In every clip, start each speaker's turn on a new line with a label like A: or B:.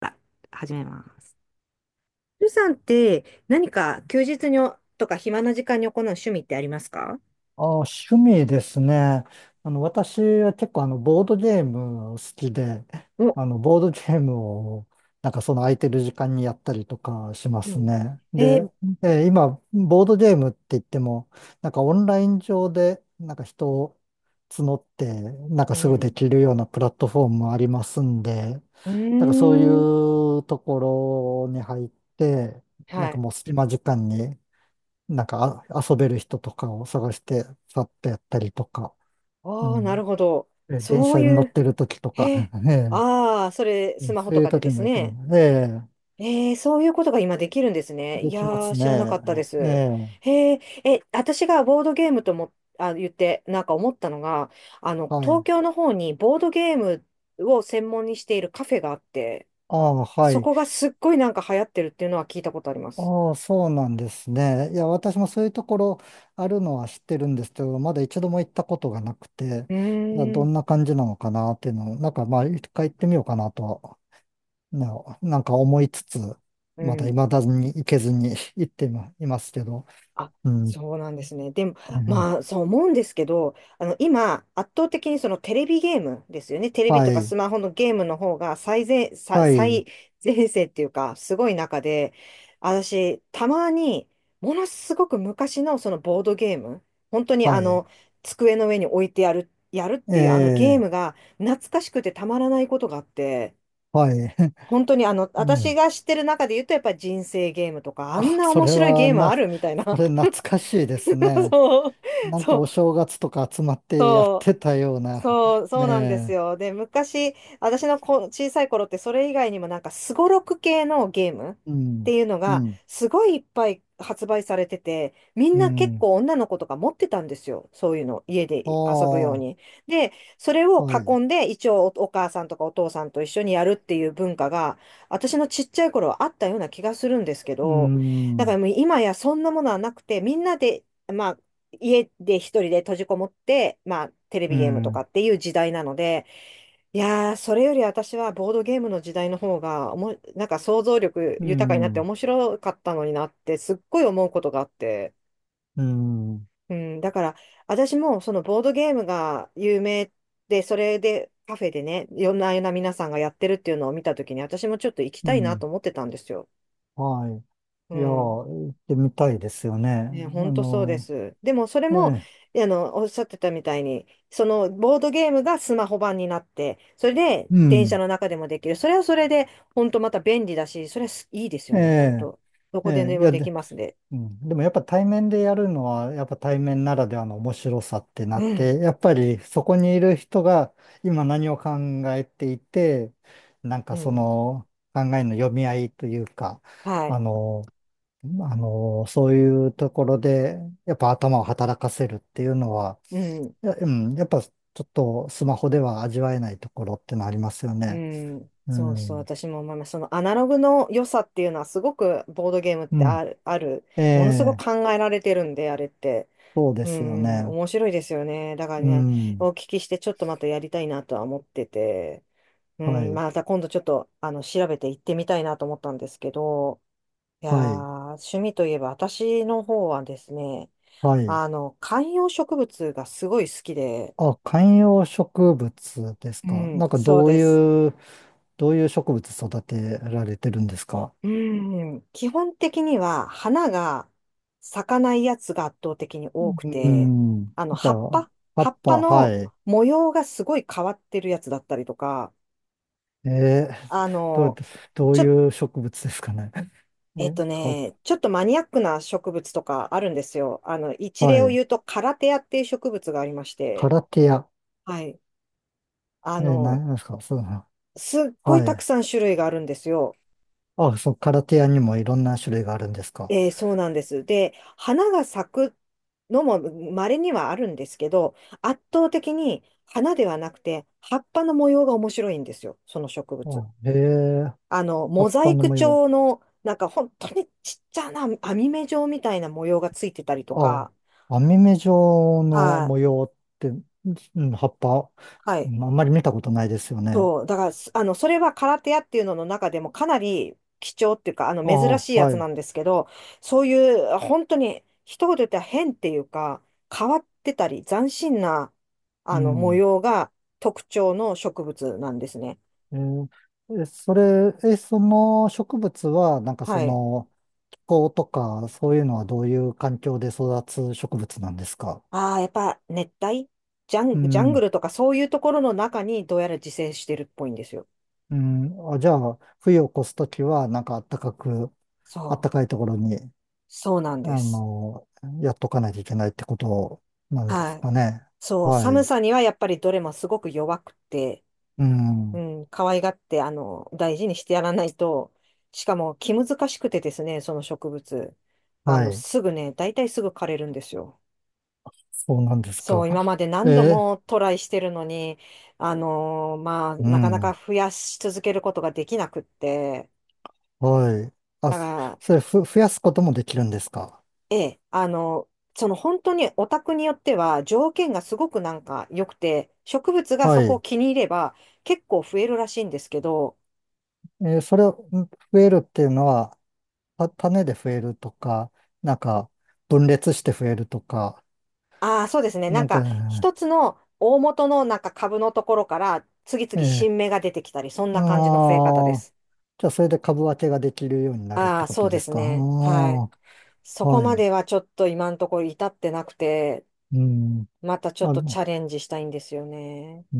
A: あ始めます。ルさんって何か休日にとか暇な時間に行う趣味ってありますか？
B: あ、趣味ですね。私は結構ボードゲーム好きで、
A: お、
B: ボードゲームを、なんかその空いてる時間にやったりとかしま
A: う
B: す
A: ん。
B: ね。
A: えー、
B: で、今、ボードゲームって言っても、なんかオンライン上で、なんか人を募って、なんかすぐできるようなプラットフォームもありますんで、
A: う
B: なんかそう
A: ーん。
B: いうところに入って、な
A: は
B: んか
A: い。
B: もう隙間時間になんか遊べる人とかを探して、さっとやったりとか、う
A: ああ、な
B: ん。
A: るほど。
B: 電
A: そ
B: 車
A: う
B: に乗
A: い
B: っ
A: う、
B: てる時とか、
A: へえ。
B: ええ、
A: ああ、それ、スマホ
B: そう
A: と
B: いう
A: かで
B: 時
A: です
B: もやっても、
A: ね。
B: ええ、
A: そういうことが今できるんですね。い
B: で
A: や
B: きま
A: ー、
B: す
A: 知らなかったで
B: ね。え
A: す。
B: え、
A: へえ、私がボードゲームとも、言って、なんか思ったのが、
B: は
A: 東
B: い。
A: 京の方にボードゲームを専門にしているカフェがあって、
B: ああ、は
A: そ
B: い。
A: こがすっごいなんか流行ってるっていうのは聞いたことあります。
B: ああ、そうなんですね。いや、私もそういうところあるのは知ってるんですけど、まだ一度も行ったことがなくて、
A: う
B: いや、
A: ー
B: ど
A: ん。
B: んな感じなのかなっていうのを、なんかまあ、一回行ってみようかなとは、ね、なんか思いつつ、
A: う
B: まだ
A: ん。
B: 未だに行けずに 行っていまいますけど、
A: あ、
B: うん。
A: そうなんですね。でも、
B: え
A: まあ、
B: え、
A: そう思うんですけど、今、圧倒的にそのテレビゲームですよね。テレビ
B: は
A: とかス
B: い。
A: マホのゲームの方が最前、さ
B: はい。
A: 最前線っていうか、すごい中で、私、たまに、ものすごく昔のそのボードゲーム、本当に
B: はい。
A: 机の上に置いてやるっていうあのゲー
B: え
A: ム
B: え、
A: が懐かしくてたまらないことがあって、
B: はい。
A: 本当に私
B: ね、
A: が知ってる中で言うと、やっぱり人生ゲームとか、あん
B: あ、
A: な面白いゲームあるみたい
B: そ
A: な。
B: れ懐かしいです ね。
A: そう、
B: なん
A: そ
B: か
A: う、
B: お正月とか集まってやっ
A: そう。
B: てたような。
A: そう、そうなんです
B: ね
A: よ。で、昔、私の小さい頃ってそれ以外にもなんかすごろく系のゲーム
B: え。う
A: って
B: ん。
A: いうの
B: う
A: が
B: ん。
A: すごいいっぱい発売されてて、みん
B: う
A: な結
B: ん。
A: 構女の子とか持ってたんですよ。そういうの、家で遊ぶよう
B: ああ、
A: に。で、それを
B: は
A: 囲
B: い。
A: んで一応お母さんとかお父さんと一緒にやるっていう文化が私のちっちゃい頃はあったような気がするんですけ
B: う
A: ど、だか
B: ん。
A: らもう今やそんなものはなくて、みんなで、まあ家で一人で閉じこもって、まあ、テレ
B: う
A: ビゲームとか
B: ん。
A: っていう時代なので、いやー、それより私はボードゲームの時代の方がなんか想像力
B: う
A: 豊かになって
B: ん。
A: 面白かったのになって、すっごい思うことがあって。
B: うん。
A: うん、だから、私もそのボードゲームが有名で、それでカフェでね、いろんな皆さんがやってるっていうのを見たときに、私もちょっと行き
B: う
A: たいな
B: ん。
A: と思ってたんですよ。
B: は
A: う
B: い。いや、
A: ん。
B: 行ってみたいですよね。あ
A: ね、本当そうで
B: の、
A: す。でもそれ
B: え
A: も、
B: え。
A: おっしゃってたみたいに、そのボードゲームがスマホ版になって、それで
B: う
A: 電車
B: ん。
A: の中でもできる。それはそれで、本当また便利だし、それはすいいです
B: え
A: よね、本
B: え。
A: 当。ど
B: え
A: こで
B: え。
A: で
B: い
A: も
B: や、
A: でき
B: で、
A: ますね。
B: うん、でもやっぱ対面でやるのは、やっぱ対面ならではの面白さってなっ
A: うん、
B: て、やっぱりそこにいる人が今何を考えていて、なん
A: う
B: かそ
A: ん、
B: の考えの読み合いというか、
A: はい、
B: あの、そういうところで、やっぱ頭を働かせるっていうのは、
A: うん、
B: うん、やっぱちょっとスマホでは味わえないところってのありますよ
A: う
B: ね。
A: ん。
B: う
A: そうそう、
B: ん。
A: 私も思います。そのアナログの良さっていうのは、すごくボードゲームっ
B: う
A: て
B: ん。
A: ある、
B: え
A: ものすごく
B: え、
A: 考えられてるんで、あれって。
B: そうで
A: う
B: すよ
A: ん、
B: ね。
A: 面白いですよね。だから
B: う
A: ね、
B: ん。
A: お聞きしてちょっとまたやりたいなとは思ってて、う
B: は
A: ん、
B: い。
A: また今度ちょっと調べて行ってみたいなと思ったんですけど、いや
B: は
A: ー、
B: い。
A: 趣味といえば私の方はですね、
B: はい。
A: 観葉植物がすごい好きで、
B: あ、観葉植物です
A: う
B: か。
A: ん、
B: なんか
A: そう
B: どう
A: です。
B: いう、植物育てられてるんですか？
A: うん、基本的には花が咲かないやつが圧倒的に多く
B: う
A: て、
B: んうん。
A: あの、
B: じゃ
A: 葉っ
B: あ、
A: ぱ
B: 葉
A: 葉
B: っ
A: っぱ
B: ぱ、
A: の
B: はい。
A: 模様がすごい変わってるやつだったりとか、
B: えー、
A: あ
B: どう、
A: の、
B: どう
A: ちょ、
B: いう植物ですかね？え、葉っ
A: ちょっとマニアックな植物とかあるんですよ。一
B: ぱ、は
A: 例を
B: い。
A: 言うと、カラテアっていう植物がありまし
B: カ
A: て、
B: ラテア。
A: はい。あの、
B: 何ですか？そうな。
A: すっごい
B: は
A: たく
B: い。
A: さん種類があるんですよ。
B: あ、そう、カラテアにもいろんな種類があるんですか？
A: そうなんです。で、花が咲くのも稀にはあるんですけど、圧倒的に花ではなくて、葉っぱの模様が面白いんですよ。その植
B: あ、
A: 物。
B: 葉
A: モ
B: っ
A: ザ
B: ぱ
A: イ
B: の
A: ク
B: 模様。
A: 調の、なんか本当にちっちゃな網目状みたいな模様がついてたりと
B: ああ、
A: か、
B: 網目状の
A: は
B: 模
A: い。
B: 様って、うん、葉っぱ、
A: は
B: う
A: い。
B: ん、あんまり見たことないですよね。
A: そう。だから、すあの、それは空手屋っていうのの中でもかなり貴重っていうか、
B: ああ、
A: 珍しいやつ
B: はい。
A: なんですけど、そういう、本当に、一言で言ったら変っていうか、変わってたり、斬新な、
B: う
A: 模
B: ん。
A: 様が特徴の植物なんですね。
B: えーえそれ、その植物は、なんか
A: は
B: そ
A: い。
B: の、気候とか、そういうのはどういう環境で育つ植物なんですか？
A: ああ、やっぱ、熱帯ジャ
B: う
A: ン、ジャング
B: ん。
A: ルとかそういうところの中にどうやら自生してるっぽいんですよ。
B: うん。あ、じゃあ、冬を越すときは、なんか暖かく、
A: そ
B: 暖か
A: う。
B: いところに、
A: そうなんで
B: あ
A: す。
B: の、やっとかないといけないってことなんで
A: は
B: す
A: い。
B: かね？
A: そう。
B: は
A: 寒
B: い。
A: さにはやっぱりどれもすごく弱くて、
B: う
A: う
B: ん。
A: ん、可愛がって、大事にしてやらないと、しかも気難しくてですね、その植物。
B: はい。
A: すぐね、大体すぐ枯れるんですよ。
B: そうなんです
A: そ
B: か？
A: う、今まで
B: え
A: 何度
B: ー、
A: もトライしてるのに、まあ、
B: う
A: なかなか
B: ん。
A: 増やし続けることができなくって、
B: はい。
A: だ
B: あ、
A: か
B: そ
A: ら、
B: それふ、増やすこともできるんですか？
A: ええ、その本当にお宅によっては条件がすごくなんか良くて、植物が
B: は
A: そこを
B: い。
A: 気に入れば結構増えるらしいんですけど、
B: それを増えるっていうのは、種で増えるとか、なんか、分裂して増えるとか、
A: ああ、そうですね。な
B: な
A: ん
B: ん
A: か、
B: か、
A: 一つの大元のなんか株のところから、次々
B: え
A: 新芽が出てきたり、そんな感じの増え方で
B: ああー、
A: す。
B: じゃあそれで株分けができるようになるっ
A: あ
B: て
A: あ、
B: こ
A: そ
B: と
A: う
B: で
A: で
B: す
A: す
B: か？あ
A: ね。はい。
B: あ、
A: そこ
B: は
A: ま
B: い。
A: ではちょっと今のところ至ってなくて、
B: うん。
A: またちょっ
B: あ、
A: とチャレンジしたいんですよね。
B: うー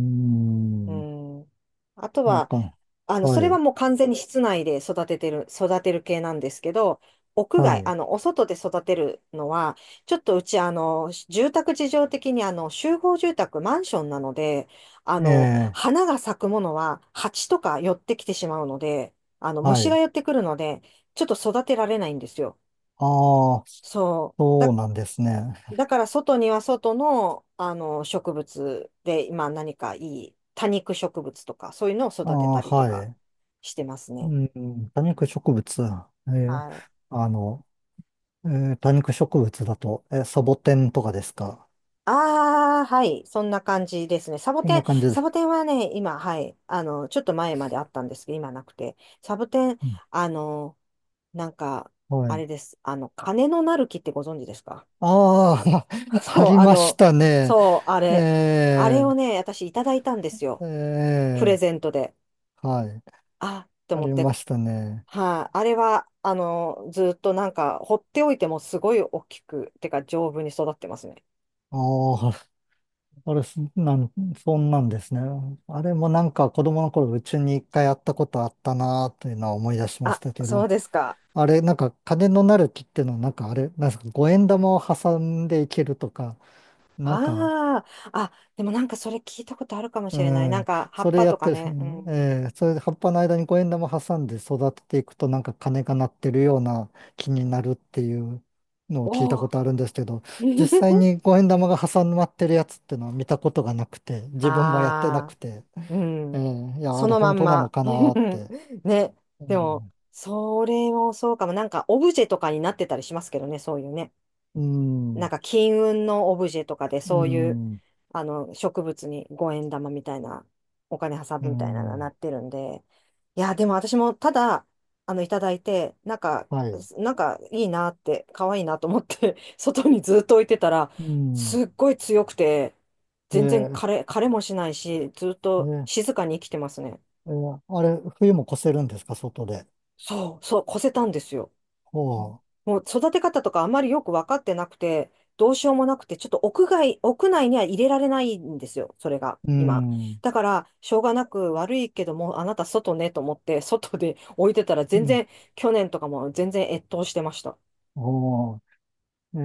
A: う
B: ん。
A: ん。あと
B: なん
A: は、
B: か、
A: そ
B: は
A: れは
B: い。
A: もう完全に室内で育てる系なんですけど、屋
B: は
A: 外、
B: い。
A: お外で育てるのは、ちょっとうち、住宅事情的に、集合住宅、マンションなので、
B: ええ、
A: 花が咲くものは、蜂とか寄ってきてしまうので、
B: は
A: 虫が
B: い。
A: 寄ってくるので、ちょっと育てられないんですよ。
B: ああ。
A: そう。
B: そ
A: だ、
B: うなんですね。
A: だから、外には外の、植物で、今何かいい多肉植物とか、そういうのを
B: あ
A: 育て
B: あ、
A: たりと
B: は
A: か
B: い。
A: してます
B: う
A: ね。
B: ん、多肉植物。えー
A: はい。
B: あの、え多肉植物だと、サボテンとかですか？
A: ああ、はい。そんな感じですね。サボ
B: そん
A: テン、
B: な感じで
A: サ
B: す。
A: ボテンはね、今、はい。ちょっと前まであったんですけど、今なくて。サボテン、
B: うん、
A: あの、なんか、
B: は
A: あ
B: い。
A: れです。金のなる木ってご存知ですか？
B: ああ、あ
A: そう、
B: りましたね。
A: そう、あれ。あれ
B: え
A: をね、私いただいたんです
B: ー、
A: よ。プレ
B: え
A: ゼントで。
B: はい。
A: あ、と
B: あ
A: 思っ
B: り
A: て。
B: ましたね。
A: はい。あれは、ずっとなんか、放っておいてもすごい大きく、てか丈夫に育ってますね。
B: ああ、あれ、そんなんですね。あれもなんか子供の頃、うちに一回やったことあったなというのは思い出しまし
A: あ、
B: たけ
A: そう
B: ど。
A: ですか。
B: あれ、なんか金のなる木っていうのは、なんかあれ、なんですか、五円玉を挟んでいけるとか、なんか、
A: ああ、あ、でもなんかそれ聞いたことあるかも
B: う
A: しれない。なん
B: ん、
A: か葉
B: そ
A: っ
B: れ
A: ぱ
B: や
A: と
B: っ
A: か
B: てる、
A: ね。うん。
B: それで葉っぱの間に五円玉挟んで育てていくと、なんか金が鳴ってるような木になるっていうのを聞いた
A: お
B: こ
A: お。
B: とあるんですけど、実際 に五円玉が挟まってるやつっていうのは見たことがなくて、自分もやってな
A: ああ、
B: くて、
A: うん。
B: いや、あ
A: そ
B: れ
A: のま
B: 本
A: ん
B: 当なの
A: ま。
B: かなーっ て。
A: ね。
B: う
A: でも、
B: ん、
A: それもそうかも。なんかオブジェとかになってたりしますけどね、そういうね。
B: う
A: なん
B: ん、
A: か金運のオブジェとかで
B: う
A: そういう、
B: ん、
A: 植物に5円玉みたいな、お金挟
B: う
A: むみたいなのがな
B: ん、
A: ってるんで、いや、でも私もただ、いただいて、なんか、
B: はい、
A: すなんかいいなって、可愛いなと思って 外にずっと置いてたら、
B: うん。
A: すっごい強くて、
B: え
A: 全然
B: え、
A: 枯れもしないし、ずっ
B: え
A: と
B: え、
A: 静かに生きてますね。
B: ええ、あれ、冬も越せるんですか、外で？
A: そう、そう、越せたんですよ。
B: ほ
A: もう育て方とかあまりよく分かってなくて、どうしようもなくて、ちょっと屋内には入れられないんですよ、それが、
B: う。う
A: 今。
B: ん。
A: だから、しょうがなく悪いけども、あなた外ねと思って、外で置いてたら
B: う
A: 全
B: ん。
A: 然、去年とかも全然越冬してました。
B: ほう。ええ、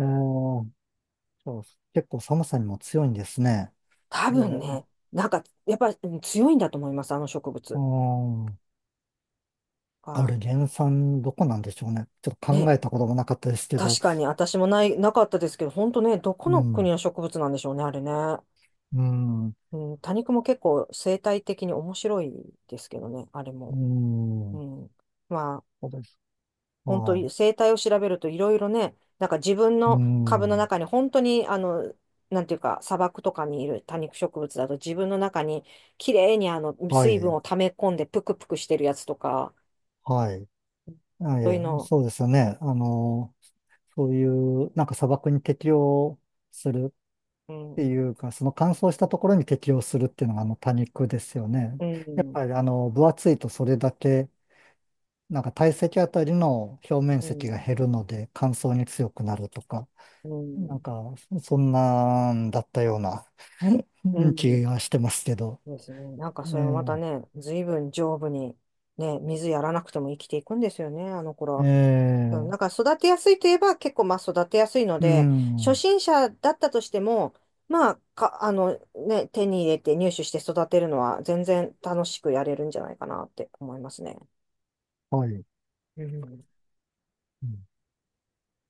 B: そう、結構寒さにも強いんですね。
A: 多
B: で、
A: 分ね、なんか、やっぱり強いんだと思います、あの植
B: う
A: 物
B: ん。あ
A: が。
B: れ、原産どこなんでしょうね。ちょっと
A: ね、
B: 考えたこともなかったですけど。
A: 確かに私もない、なかったですけど、本当ね、どこ
B: う
A: の国
B: ん。
A: の植物なんでしょうね、あれね。
B: うん。
A: うん、多肉も結構生態的に面白いですけどね、あれ
B: う
A: も。
B: ん。
A: うん。まあ、
B: そうです。
A: 本当
B: は
A: に
B: い。
A: 生態を調べるといろいろね、なんか自分
B: う
A: の株の
B: ん。
A: 中に本当に、なんていうか、砂漠とかにいる多肉植物だと自分の中にきれいに
B: は
A: 水分
B: い。
A: を溜め込んでぷくぷくしてるやつとか、
B: はい。あ、い
A: そういう
B: え、
A: の、
B: そうですよね。そういう、なんか砂漠に適応する
A: うん、
B: て
A: うん、
B: いうか、その乾燥したところに適応するっていうのがあの多肉ですよね。
A: う
B: やっ
A: ん、
B: ぱり分厚いとそれだけ、なんか体積あたりの表面積が減るので乾燥に強くなるとか、
A: う
B: なん
A: ん、
B: かそんなんだったような
A: う
B: うん、気
A: ん
B: がしてますけど。
A: ですね。なんかそれもまた
B: え
A: ね、随分丈夫に、ね、水やらなくても生きていくんですよね、あの頃
B: え
A: は。そう
B: え
A: なんか
B: え、
A: 育てやすいといえば結構まあ育てやすいの
B: う
A: で、初
B: ん、
A: 心者だったとしても、まあ、か、あのね、手に入れて入手して育てるのは全然楽しくやれるんじゃないかなって思いますね。
B: はい。
A: うん。